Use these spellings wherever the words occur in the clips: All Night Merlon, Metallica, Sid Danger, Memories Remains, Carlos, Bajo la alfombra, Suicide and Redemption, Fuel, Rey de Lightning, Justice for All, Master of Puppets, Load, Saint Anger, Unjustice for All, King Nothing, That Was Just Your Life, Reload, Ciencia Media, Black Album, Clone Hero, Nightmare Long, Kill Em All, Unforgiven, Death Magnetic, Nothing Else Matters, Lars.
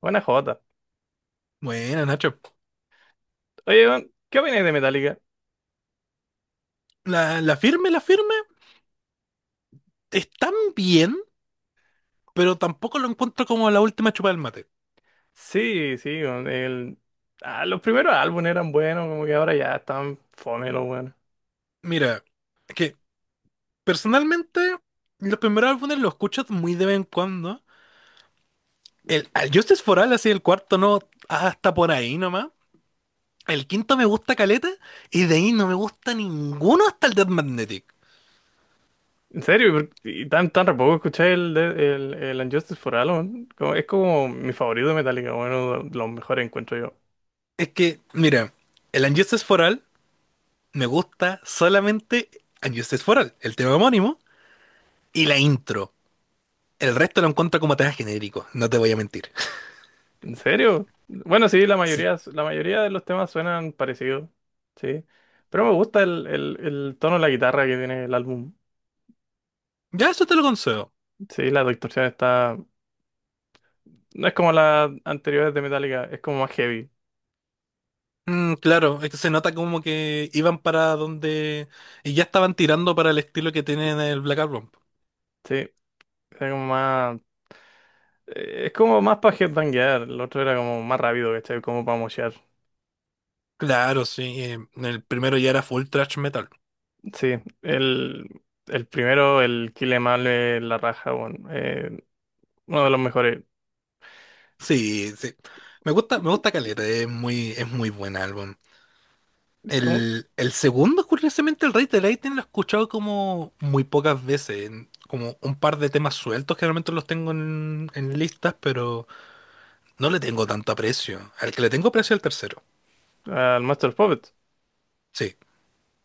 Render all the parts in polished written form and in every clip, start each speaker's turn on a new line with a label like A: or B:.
A: Buena jota.
B: Bueno, Nacho,
A: Oye, weón, ¿qué opináis de Metallica?
B: la firme, están bien, pero tampoco lo encuentro como la última chupa del mate.
A: Sí, sí, weón, los primeros álbumes eran buenos, como que ahora ya están fome los buenos.
B: Mira, es que personalmente los primeros álbumes los escucho muy de vez en cuando. Al Justice for All, así el cuarto no, hasta por ahí nomás. El quinto me gusta caleta y de ahí no me gusta ninguno hasta el Death Magnetic.
A: En serio, y tan tampoco escuché el Unjustice for All, weón. Como es como mi favorito de Metallica, bueno, de los mejores encuentro yo.
B: Es que, mira, el Unjustice for All me gusta solamente Unjustice for All, el tema homónimo y la intro. El resto lo encuentro como temas genéricos, no te voy a mentir.
A: ¿En serio? Bueno, sí, la
B: Sí.
A: mayoría, la mayoría de los temas suenan parecidos, sí. Pero me gusta el tono de la guitarra que tiene el álbum.
B: Ya eso te lo concedo.
A: Sí, la distorsión está... No es como las anteriores de Metallica, es como más heavy.
B: Mm, claro, es que se nota como que iban para donde... Y ya estaban tirando para el estilo que tienen el Black Album.
A: Sí, era como más. Es como más para headbanguear. El otro era como más rápido, ¿cachai? Como para moshear.
B: Claro, sí. El primero ya era full thrash metal.
A: Sí, el, el primero, el Kill Em All, la raja, bueno, uno de los mejores.
B: Sí, sí. Me gusta Caleta, es muy buen álbum.
A: Es como
B: El segundo, curiosamente, el Rey de Lightning lo he escuchado como muy pocas veces, como un par de temas sueltos, generalmente los tengo en listas, pero no le tengo tanto aprecio. Al que le tengo aprecio es al tercero.
A: al Master of Puppets.
B: Sí,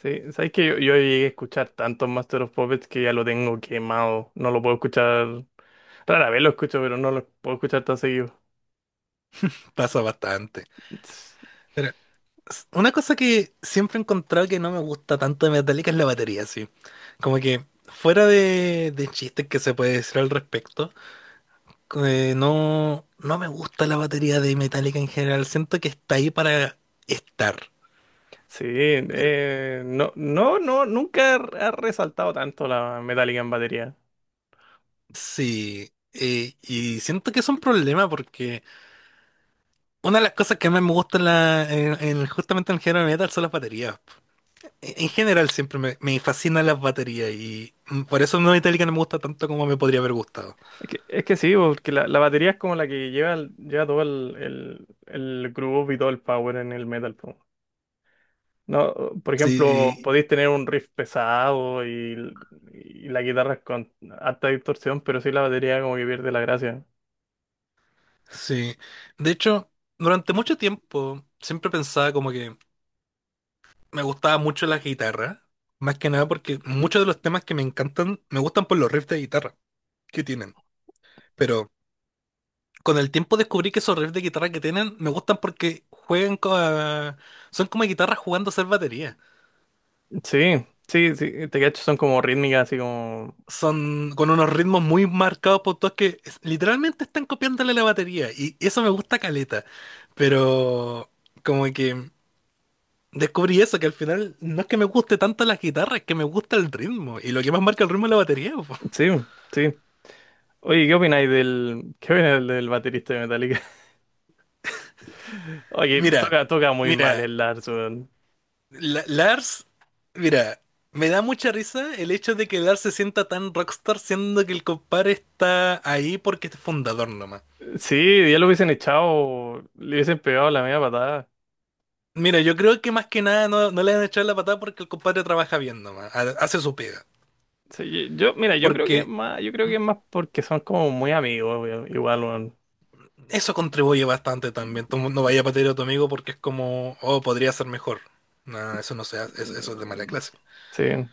A: Sí, sabes que yo llegué a escuchar tantos Master of Puppets que ya lo tengo quemado. No lo puedo escuchar. Rara vez lo escucho, pero no lo puedo escuchar tan seguido.
B: pasa bastante. Pero una cosa que siempre he encontrado que no me gusta tanto de Metallica es la batería, sí. Como que fuera de chistes que se puede decir al respecto, no me gusta la batería de Metallica en general. Siento que está ahí para estar.
A: Sí, no, nunca ha resaltado tanto la metálica en batería.
B: Sí. Y siento que es un problema porque una de las cosas que más me gusta en justamente en el género de metal son las baterías. En general siempre me fascinan las baterías y por eso no Metallica no me gusta tanto como me podría haber gustado.
A: Es que sí, porque la batería es como la que lleva, lleva todo el groove y todo el power en el metal. Po. No, por ejemplo,
B: Sí,
A: podéis tener un riff pesado y la guitarra es con alta distorsión, pero sí la batería como que pierde la gracia.
B: sí. De hecho, durante mucho tiempo siempre pensaba como que me gustaba mucho la guitarra, más que nada porque muchos de los temas que me encantan me gustan por los riffs de guitarra que tienen. Pero con el tiempo descubrí que esos riffs de guitarra que tienen me gustan porque juegan con... son como guitarras jugando a ser batería.
A: Sí, te cacho, son como rítmicas, así como...
B: Son con unos ritmos muy marcados por todos que literalmente están copiándole la batería y eso me gusta caleta, pero como que descubrí eso, que al final no es que me guste tanto la guitarra, es que me gusta el ritmo y lo que más marca el ritmo es la batería. Po.
A: Sí, sí. Oye, ¿Qué opináis del baterista de Metallica? Oye,
B: Mira,
A: toca muy mal
B: mira,
A: el Lars, weón.
B: la- Lars, mira, me da mucha risa el hecho de que Lars se sienta tan rockstar siendo que el compadre está ahí porque es fundador nomás.
A: Sí, ya lo hubiesen echado, le hubiesen pegado la media patada.
B: Mira, yo creo que más que nada no le han echado la patada porque el compadre trabaja bien nomás, hace su pega.
A: Sí, yo, mira, yo creo que es
B: Porque
A: más, yo creo que es más porque son como muy amigos, weón, igual, weón.
B: eso contribuye bastante también. Tú no vayas a patear a tu amigo porque es como, oh, podría ser mejor. No, eso no se hace, eso es de mala
A: Mm,
B: clase.
A: sí,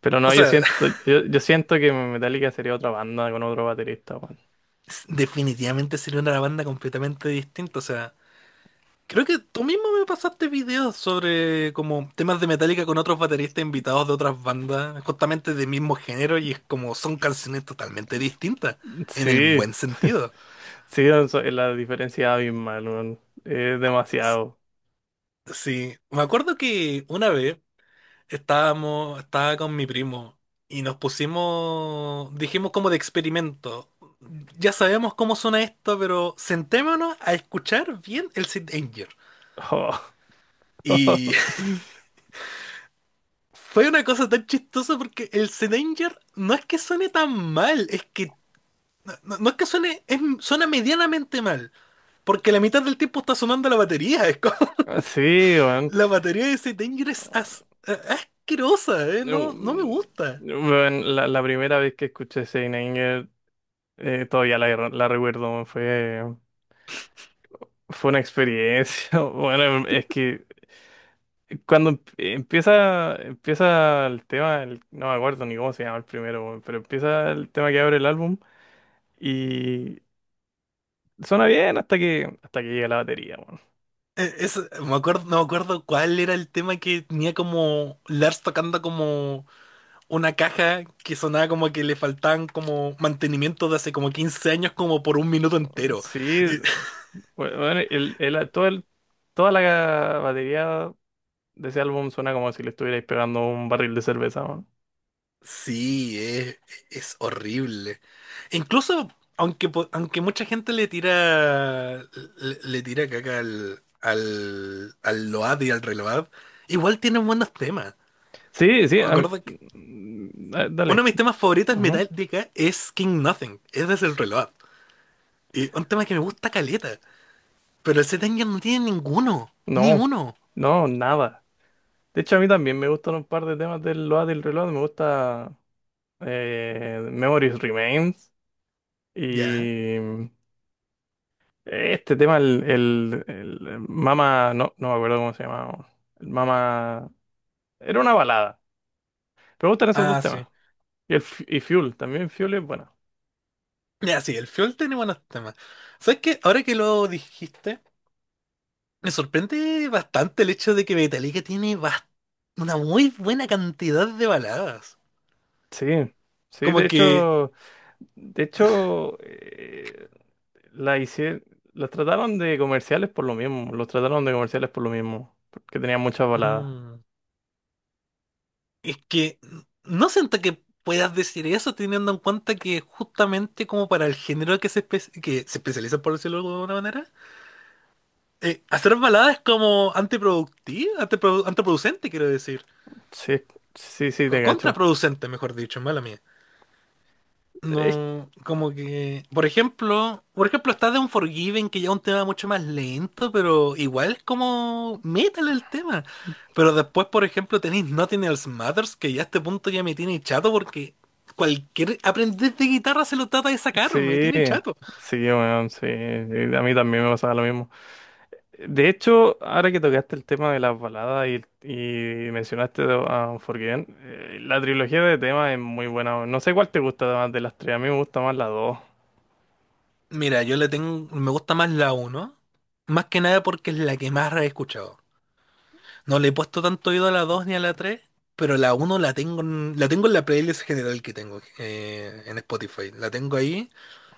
A: pero
B: O
A: no, yo
B: sea,
A: siento, yo, yo siento que Metallica sería otra banda con otro baterista, weón.
B: definitivamente sería una banda completamente distinta. O sea, creo que tú mismo me pasaste videos sobre como temas de Metallica con otros bateristas invitados de otras bandas, justamente del mismo género, y es como son canciones totalmente distintas, en el
A: Sí,
B: buen sentido.
A: sí, no so- la diferencia es abismal, weón. Es demasiado.
B: Sí, me acuerdo que una vez estaba con mi primo y nos pusimos, dijimos como de experimento. Ya sabemos cómo suena esto, pero sentémonos a escuchar bien el Sid Danger. Y fue una cosa tan chistosa porque el Sid Danger no es que suene tan mal, es que no es que suene, suena medianamente mal, porque la mitad del tiempo está sonando la batería. Es como,
A: Sí, weón.
B: la batería de Sid Danger es asquerosa, ¿eh? No, no me
A: Mm,
B: gusta.
A: weón, la primera vez que escuché Saint Anger, todavía la recuerdo, weón, fue. Fue una experiencia. Bueno, es que cuando empieza el tema, el- no me acuerdo ni cómo se llama el primero, weón, pero empieza el tema que abre el álbum y suena bien hasta que llega la batería,
B: Me acuerdo, no me acuerdo cuál era el tema que tenía como Lars tocando como una caja que sonaba como que le faltaban como mantenimiento de hace como 15 años como por un minuto
A: weón.
B: entero.
A: Sí,
B: Eh,
A: bueno, toda la batería de ese álbum suena como si le estuvierais pegando un barril de cerveza, weón.
B: sí, es horrible. Incluso, aunque mucha gente le tira le tira caca al Load y al Reload, igual tienen buenos temas.
A: Sí, sí,
B: Me
A: a mí-
B: acuerdo que
A: mm,
B: uno de
A: dale.
B: mis temas favoritos en
A: Ujú.
B: Metallica es King Nothing, es desde el Reload. Y un tema que me gusta caleta. Pero ese Tengen no tiene ninguno. Ni
A: No,
B: uno.
A: no, nada. De hecho, a mí también me gustan un par de temas del Load del Reload. Me gusta Memories Remains
B: Ya.
A: y mm, este tema, el Mama, no, no me acuerdo cómo se llamaba. El Mama, era una balada. Pero me gustan esos dos
B: Ah,
A: temas.
B: sí.
A: Y, el, Fu- y Fuel, también Fuel es bueno.
B: Ya, sí, el Fiol tiene buenos temas. ¿Sabes qué? Ahora que lo dijiste, me sorprende bastante el hecho de que Metallica tiene una muy buena cantidad de baladas.
A: Sí, sí,
B: Como que.
A: de hecho, la hicieron, las trataron de comerciales por lo mismo. Los trataron de comerciales por lo mismo, porque tenían muchas baladas.
B: mm, es que no siento que puedas decir eso teniendo en cuenta que justamente como para el género que se especializa, por decirlo de alguna manera, hacer balada es como antiproductiva, antiproducente, quiero decir.
A: Sí, sí, te cacho.
B: Contraproducente, mejor dicho, mala mía.
A: Es-
B: No, como que, por ejemplo está de Unforgiven, que ya es un tema mucho más lento, pero igual es como metal el tema. Pero después, por ejemplo, tenéis Nothing Else Matters, que ya a este punto ya me tiene chato porque cualquier aprendiz de guitarra se lo trata de sacar, me
A: sí,
B: tiene chato.
A: sí, weón, sí. A mí también me pasaba lo mismo. De hecho, ahora que tocaste el tema de las baladas y mencionaste a Unforgiven, la trilogía de temas es muy buena. Weón. No sé cuál te gusta más de las tres, a mí me gusta más la dos.
B: Mira, yo le tengo, me gusta más la uno, más que nada porque es la que más he escuchado. No le he puesto tanto oído a la 2 ni a la tres, pero la uno la tengo en, la tengo en la playlist general que tengo en Spotify. La tengo ahí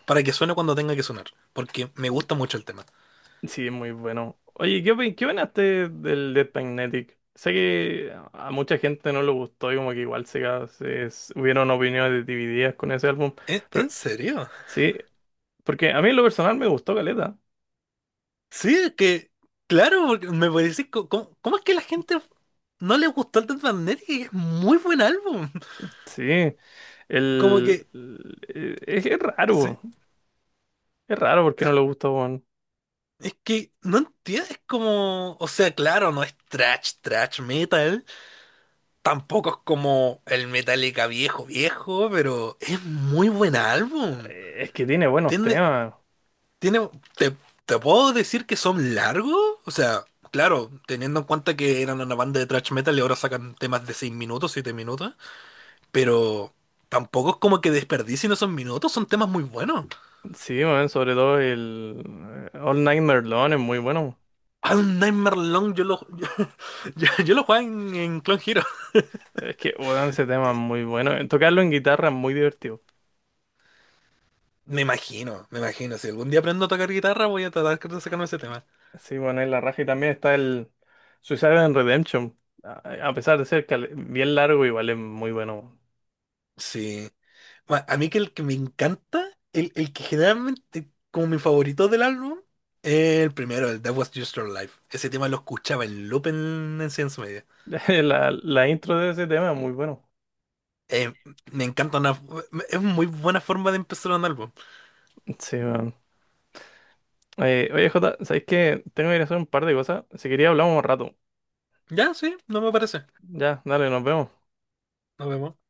B: para que suene cuando tenga que sonar, porque me gusta mucho el tema.
A: Sí, es muy bueno. Oye, ¿qué opinaste del Death Magnetic? Sé que a mucha gente no le gustó y como que igual se, ca- se- s- hubieron opiniones divididas con ese álbum, pero
B: En serio?
A: sí. Porque a mí en lo personal me gustó Caleta.
B: Sí, es que, claro, porque me parece, ¿cómo, es que la gente no le gustó el Death Magnetic? Es muy buen álbum.
A: Sí,
B: Como
A: el,
B: que,
A: el- eh, es, es
B: sí.
A: raro, es raro porque no le gusta, weón.
B: Es que no entiendes como, o sea, claro, no es trash, trash metal, tampoco es como el Metallica viejo, viejo, pero es muy buen álbum.
A: Es que tiene buenos
B: Tiene,
A: temas.
B: tiene, te, Te puedo decir que son largos. O sea, claro, teniendo en cuenta que eran una banda de thrash metal y ahora sacan temas de 6 minutos, 7 minutos. Pero tampoco es como que desperdicien esos minutos, son temas muy buenos.
A: Sí, weón, sobre todo el All Night Merlon es muy bueno.
B: Hay un Nightmare Long, yo lo juego en Clone Hero.
A: Es que, weón, ese tema es muy bueno. Tocarlo en guitarra es muy divertido.
B: Me imagino, me imagino. Si algún día aprendo a tocar guitarra, voy a tratar de sacarme ese tema.
A: Sí, bueno, en la raja y también está el Suicide and Redemption. A pesar de ser cal- bien largo, igual es muy bueno.
B: Sí. A mí que el que me encanta, el que generalmente como mi favorito del álbum, es el primero, el That Was Just Your Life. Ese tema lo escuchaba en loop en Ciencia Media.
A: La intro de ese tema es muy bueno.
B: Eh, Me encanta una, es muy buena forma de empezar un álbum.
A: Sí, eh, oye, Jota, ¿sabéis que tengo que ir a hacer un par de cosas? Si quería hablamos un rato.
B: Ya, sí, no me parece.
A: Ya, dale, nos vemos.
B: Nos vemos.